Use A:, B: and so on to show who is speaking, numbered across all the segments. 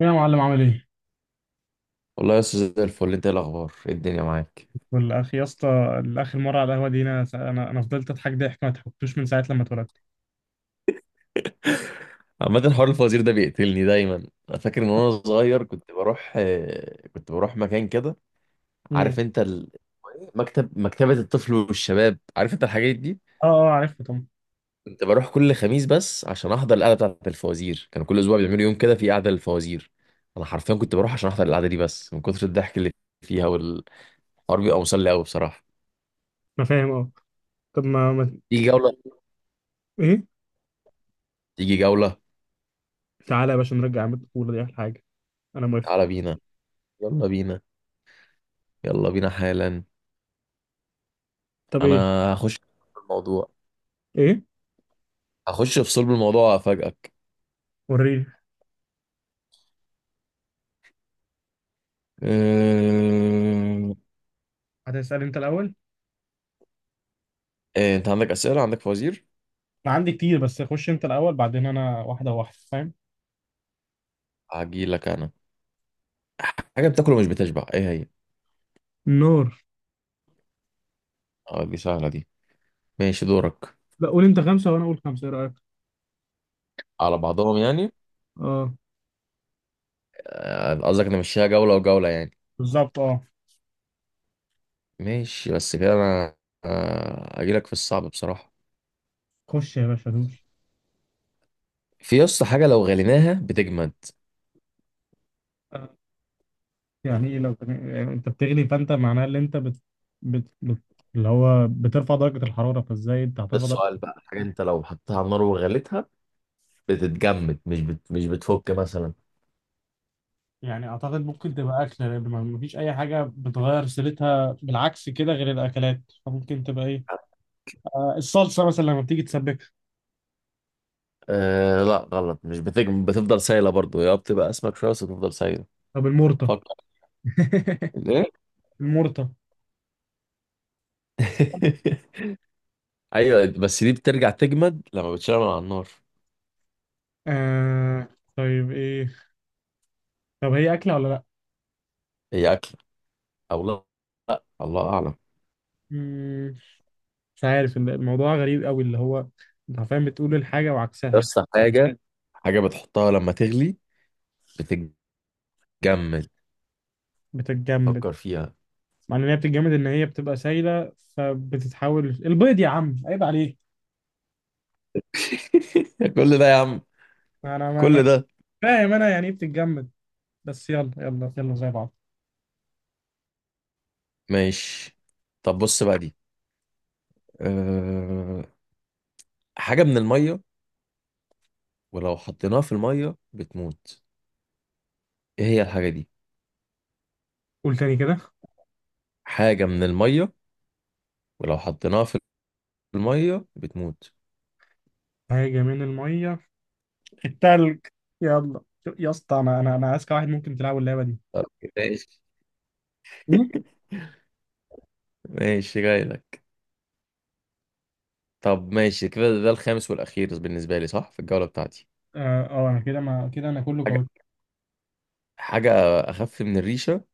A: يا معلم عامل ايه؟
B: والله يا استاذ، زي الفل. انت ايه الاخبار؟ ايه الدنيا معاك؟
A: والأخ يا اسطى. الأخ المرة على القهوة دي أنا فضلت أضحك ضحك ما ضحكتوش من ساعة لما اتولدت.
B: عامة، حوار الفوازير ده بيقتلني دايما. انا فاكر ان وانا صغير كنت بروح مكان كده.
A: امم
B: عارف انت مكتبة الطفل والشباب؟ عارف انت الحاجات دي؟
A: أه أه، عارفها طبعا.
B: كنت بروح كل خميس بس عشان احضر القعدة بتاعة الفوازير. كان كل اسبوع بيعملوا يوم كده في قعدة للفوازير. انا حرفيا كنت بروح عشان احضر القعدة دي بس من كتر الضحك اللي فيها، والحوار بيبقى مسلي قوي بصراحة.
A: انا فاهم، اه. طب ما, ما
B: تيجي جولة؟
A: ايه؟
B: تيجي جولة؟
A: تعالى يا باشا، نرجع عماد الطفوله دي احلى حاجه. انا موافق.
B: تعالى بينا. يلا بينا. يلا بينا حالا.
A: طب
B: انا
A: ايه؟
B: هخش في الموضوع.
A: ايه؟
B: هخش في صلب الموضوع وافاجئك.
A: وريني.
B: أه...
A: هتسأل أنت الأول؟
B: إيه، انت عندك اسئله؟ عندك فوازير؟
A: أنا عندي كتير، بس خش أنت الأول بعدين أنا، واحدة واحدة، فاهم؟
B: هجيلك انا. حاجه بتاكله مش بتشبع، ايه هي؟
A: النار.
B: اه، دي سهله دي. ماشي، دورك.
A: لا، قول انت خمسه وانا اقول خمسه، ايه رايك؟
B: على بعضهم يعني؟
A: اه،
B: آه، قصدك انا مشيها جوله وجوله يعني.
A: بالظبط أه.
B: ماشي. بس كده انا هجيلك في الصعب بصراحه.
A: خش يا باشا دوس.
B: في يسطا حاجه لو غليناها بتجمد.
A: يعني ايه يعني انت بتغلي فانت معناه ان انت بت... بت... اللي هو بترفع درجة الحرارة، فازاي انت
B: ده
A: هترفع
B: السؤال
A: درجة؟
B: بقى. حاجه انت لو حطيتها على النار وغليتها بتتجمد، مش بتفك مثلا.
A: يعني اعتقد ممكن تبقى اكله، لان ما فيش اي حاجه بتغير سيرتها بالعكس كده غير الاكلات، فممكن تبقى ايه، آه، الصلصه مثلا لما بتيجي تسبكها.
B: أه، لا غلط. مش بتجمد، بتفضل سايله برضو، يا بتبقى اسمك شويه بس بتفضل سايله.
A: طب المرطة؟
B: فكر. ايه؟
A: المرطه.
B: ايوه بس دي بترجع تجمد لما بتشتغل على النار.
A: آه. طيب ايه؟ طب هي أكلة ولا لأ؟
B: هي اكله او لا، الله اعلم.
A: مم، مش عارف الموضوع غريب قوي، اللي هو انت عارفين بتقول الحاجة وعكسها.
B: بس حاجه، حاجه بتحطها لما تغلي بتتجمد.
A: بتتجمد؟
B: فكر فيها.
A: معنى ان هي بتتجمد ان هي بتبقى سايله، فبتتحول البيض يا عم، عيب عليك.
B: كل ده يا عم،
A: انا ما ما-
B: كل ده.
A: فاهم انا يعني ايه بتتجمد، بس يلا يلا يلا زي بعض.
B: ماشي. طب بص بقى دي. أه... حاجه من الميه ولو حطيناها في الميه بتموت، ايه هي الحاجه دي؟
A: قول تاني كده.
B: حاجه من الميه، ولو حطيناها في الميه بتموت.
A: حاجه من الميه؟ التلج. يلا. يا اسطى، انا اذكى واحد ممكن تلعب اللعبه دي.
B: طب ماشي.
A: مين؟
B: ماشي جاي. طب ماشي كده، ده الخامس والاخير بالنسبه لي صح في الجوله بتاعتي.
A: اه، آه، انا كده، ما كده انا كله
B: حاجة،
A: قوي.
B: حاجه اخف من الريشه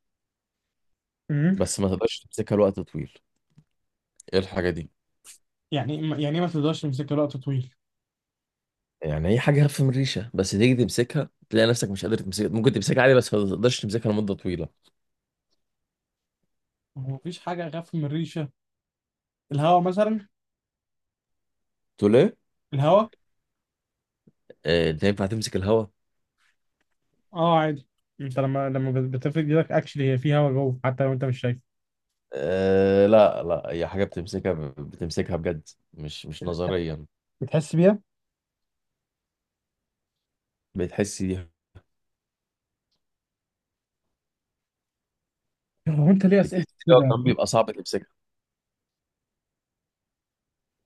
A: مم.
B: بس ما تقدرش تمسكها لوقت طويل، ايه الحاجه دي؟
A: يعني إيه يعني إيه ما تقدرش تمسك وقت طويل؟
B: يعني هي حاجه اخف من الريشه بس تيجي تمسكها تلاقي نفسك مش قادر تمسكها. ممكن تمسكها عادي بس ما تقدرش تمسكها لمده طويله.
A: هو مفيش حاجه اخف من الريشه؟ الهواء مثلا.
B: تقول ايه؟
A: الهواء.
B: آه، انت ينفع تمسك الهوا؟
A: اه عادي. انت لما بتفرد ايدك اكشلي هي في هواء جوه حتى لو انت مش شايف.
B: آه، لا لا، هي حاجه بتمسكها، بتمسكها بجد، مش نظريا.
A: بتحس بيها.
B: بتحس دي،
A: هو انت ليه
B: بتحس
A: اسئلتك
B: إن هو
A: كده؟
B: كمان بيبقى صعب تمسكها.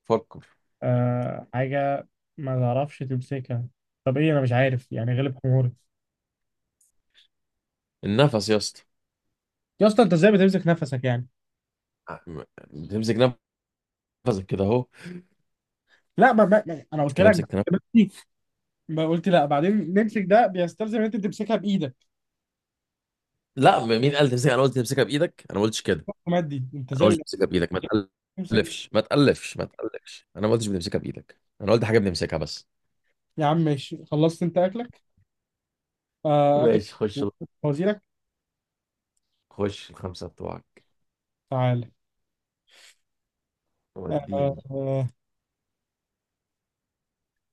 B: فكر.
A: آه، حاجه ما تعرفش تمسكها. طب ايه؟ انا مش عارف، يعني غلب حموري.
B: النفس يا اسطى.
A: يا اسطى، انت ازاي بتمسك نفسك يعني؟
B: بتمسك نفسك كده اهو.
A: لا ما, ما, ما انا قلت
B: كده
A: لك.
B: امسك.
A: دلوقتي- ما قلت لا بعدين نمسك، ده بيستلزم ان انت تمسكها بايدك.
B: لا، مين قال تمسكها؟ انا قلت تمسكها بايدك؟ انا ما قلتش كده.
A: مادي انت
B: انا ما قلتش
A: ازاي
B: تمسكها بايدك. ما
A: تمسك؟
B: تقلفش ما تقلفش ما تقلفش انا ما قلتش بنمسكها بايدك، انا قلت حاجه بنمسكها بس.
A: يا عم ماشي، خلصت انت اكلك. آه اكل.
B: ماشي خش،
A: وزيرك.
B: خش الخمسة بتوعك.
A: تعالى. آه.
B: وديني.
A: آه،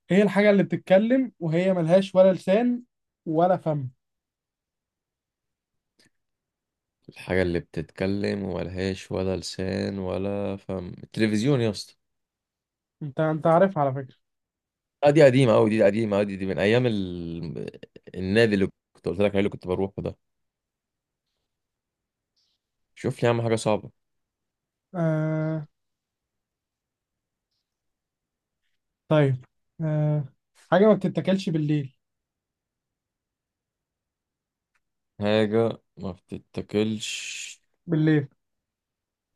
A: هي الحاجه اللي بتتكلم وهي ملهاش ولا لسان ولا فم.
B: الحاجه اللي بتتكلم وملهاش ولا لسان ولا فم، التلفزيون يا اسطى.
A: انت انت عارف على فكره.
B: آه، دي قديمه قوي، دي قديمه قوي، دي من ايام النادي اللي كنت قلت لك عليه، اللي كنت بروحه ده. شوف لي يا عم حاجه صعبه.
A: آه. طيب. آه. حاجة ما بتتاكلش بالليل.
B: حاجه ما بتتاكلش
A: بالليل.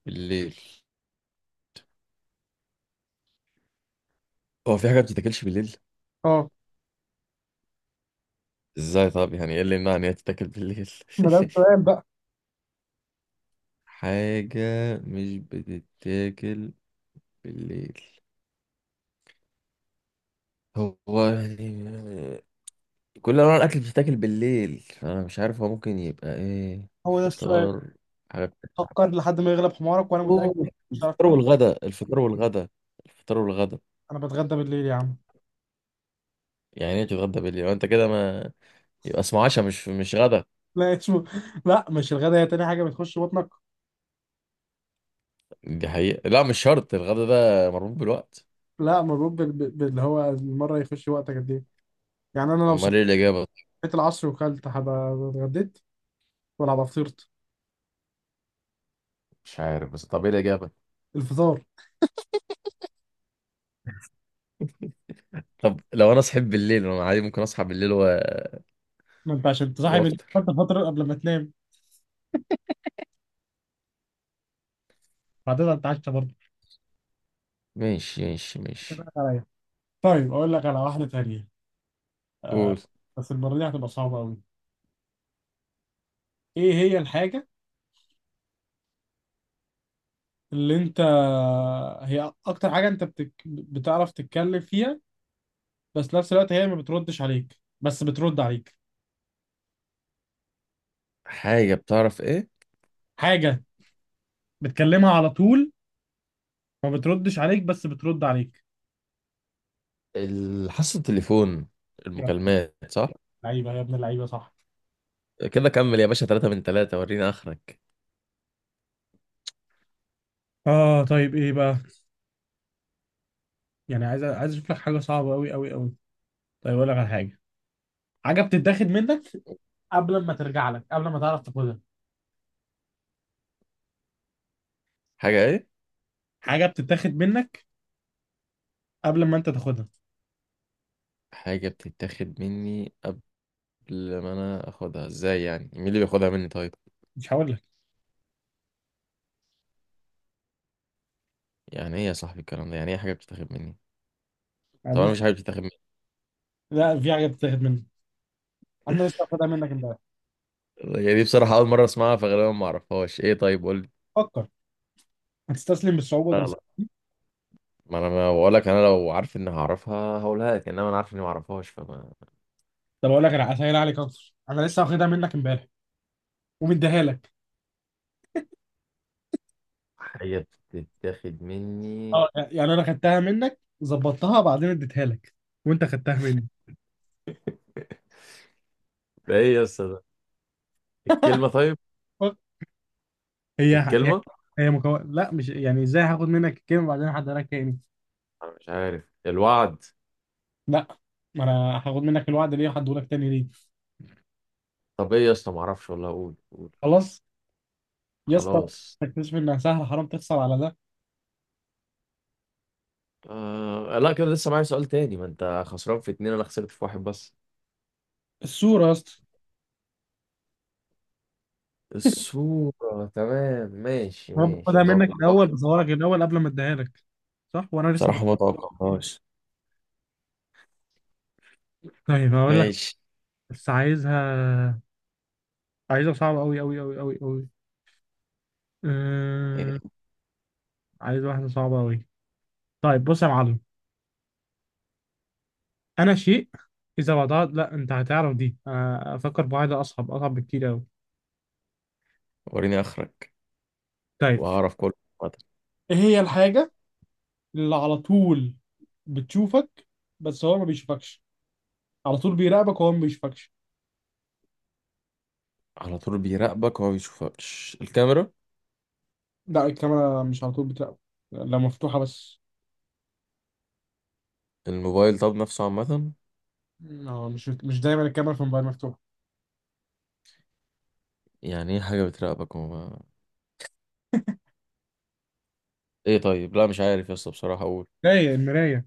B: بالليل. هو في حاجه ما بتتاكلش بالليل؟
A: اه.
B: ازاي؟ طب يعني ايه اللي يمنع ان هي تتاكل بالليل؟
A: ما ده السؤال بقى.
B: حاجة مش بتتاكل بالليل، هو يعني كل انواع الاكل بتتاكل بالليل؟ انا مش عارف، هو ممكن يبقى ايه،
A: هو ده السؤال.
B: فطار؟ حاجة بتتعب.
A: فكر لحد ما يغلب حمارك، وانا متأكد
B: أوه،
A: مش هتعرف
B: الفطار
A: تجيبه.
B: والغدا الفطار والغدا الفطار والغدا
A: انا بتغدى بالليل يا عم.
B: يعني ايه تتغدى بالليل وانت كده ما، يبقى اسمه عشاء مش غدا.
A: لا اسمه لا مش الغدا، هي تاني حاجة بتخش بطنك.
B: دي حقيقة، لا مش شرط، الغدا ده مربوط بالوقت.
A: لا مربوط باللي هو المرة يخش وقتك قد ايه. يعني انا لو صحيت
B: امال ايه الاجابة؟
A: العصر وكلت هبقى اتغديت ولا هبقى فطرت؟
B: مش عارف، بس طب ايه الاجابة؟
A: الفطار.
B: طب لو انا صحيت بالليل انا عادي ممكن اصحى بالليل و...
A: ما انت عشان تصاحب
B: وافطر
A: الفطر فترة قبل ما تنام، بعدين هتتعشى برضه.
B: ماشي ماشي ماشي.
A: عليا. طيب اقول لك على واحدة تانية،
B: قول.
A: بس المرة دي هتبقى صعبة قوي. ايه هي الحاجة اللي انت، هي اكتر حاجه انت بتعرف تتكلم فيها، بس نفس الوقت هي ما بتردش عليك بس بترد عليك.
B: حاجة بتعرف ايه؟
A: حاجه بتكلمها على طول، ما بتردش عليك بس بترد عليك.
B: حاسة التليفون،
A: يا ابن
B: المكالمات، صح؟
A: اللعيبه، يا ابن اللعيبه، صح.
B: كده كمل يا باشا، 3 من 3، وريني اخرك.
A: اه، طيب ايه بقى؟ يعني عايز اشوف لك حاجه صعبه قوي قوي قوي. طيب اقول لك على حاجه. حاجه بتتاخد منك قبل ما ترجع لك، قبل ما تعرف تاخدها.
B: حاجة ايه؟
A: حاجه بتتاخد منك قبل ما انت تاخدها.
B: حاجة بتتاخد مني قبل ما انا اخدها، ازاي يعني؟ مين اللي بياخدها مني طيب؟
A: مش هقول لك،
B: يعني ايه يا صاحبي الكلام ده؟ يعني ايه حاجة بتتاخد مني؟ طب انا
A: يعني.
B: مش حاجة بتتاخد مني.
A: لا، في حاجه بتتاخد منك، انا لسه واخدها منك امبارح.
B: يعني دي بصراحة اول مرة اسمعها فغالبا ما اعرفهاش، ايه؟ طيب قول
A: فكر. هتستسلم بالصعوبه؟
B: لي. ما انا ما بقول لك، انا لو عارف اني هعرفها هقولها لك، انما انا عارف اني ما اعرفهاش فما.
A: طب اقول لك، انا هسهل عليك اكتر، انا لسه واخدها منك امبارح ومديها لك.
B: حاجه بتتاخد مني،
A: اه، يعني انا خدتها منك ظبطتها بعدين اديتها لك، وانت خدتها مني.
B: ده ايه يا اسطى ده؟ الكلمه؟ طيب
A: أوك. هي هي
B: الكلمه.
A: هي لا مش يعني ازاي هاخد منك الكلمه وبعدين هديها لك تاني؟
B: انا مش عارف، الوعد؟
A: لا، ما انا هاخد منك الوعد ليه وهديه لك تاني ليه؟
B: طب ايه يا اسطى، ما اعرفش والله، اقول قول.
A: خلاص. يا اسطى،
B: خلاص.
A: تكتشف انها سهله، حرام تخسر على ده.
B: آه لا، كده لسه معايا سؤال تاني، ما انت خسران في اتنين انا خسرت في واحد بس.
A: الصوره يا اسطى.
B: الصوره، تمام ماشي
A: انا
B: ماشي،
A: باخدها منك الاول
B: متوقعتهاش.
A: بصورها لك الاول قبل ما اديها لك، صح، وانا لسه مش-
B: بصراحه ما توقعتهاش.
A: طيب هقول لك،
B: ماشي.
A: بس عايزها، عايزها صعبه قوي قوي قوي قوي قوي.
B: إيه،
A: عايز واحدة صعبة أوي. طيب بص يا معلم، أنا شيء إذا وضعت، لا أنت هتعرف دي، أنا أفكر بواحدة أصعب، أصعب بكتير أوي.
B: وريني اخرك
A: طيب
B: وهعرف كله عامة.
A: ايه هي الحاجة اللي على طول بتشوفك بس هو ما بيشوفكش؟ على طول بيراقبك وهو ما بيشوفكش.
B: على طول بيراقبك وما بيشوفكش، الكاميرا؟
A: لا، الكاميرا مش على طول بتراقبك. لا مفتوحة بس.
B: الموبايل طب، نفسه عامة.
A: اه، مش مش دايما الكاميرا في الموبايل مفتوحة.
B: يعني ايه حاجة بتراقبك وما، ايه؟ طيب لا مش عارف يا اسطى بصراحة، اقول.
A: هي المراية.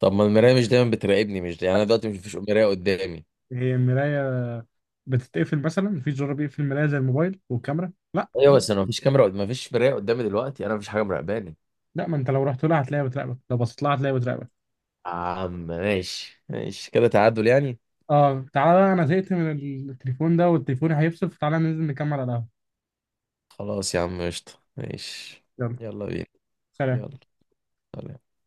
B: طب ما المراية مش دايما بتراقبني، مش يعني انا دلوقتي مش مفيش مراية قدامي.
A: هي المراية بتتقفل مثلا؟ مفيش زرار بيقفل المراية زي الموبايل والكاميرا، لا.
B: ايوه بس انا مفيش كاميرا مفيش مراية قدامي دلوقتي، انا مفيش حاجة مراقباني.
A: لا، ما أنت لو رحت لها هتلاقيها بتراقبك، لو بصيت لها هتلاقيها بتراقبك.
B: يا عم ماشي ماشي كده، تعادل يعني.
A: اه، تعالى بقى، انا زهقت من التليفون ده والتليفون هيفصل، فتعالى ننزل نكمل على القهوة.
B: خلاص يا عم، قشطة، ماشي.
A: يلا.
B: يلا بينا.
A: سلام
B: يلا. سلام.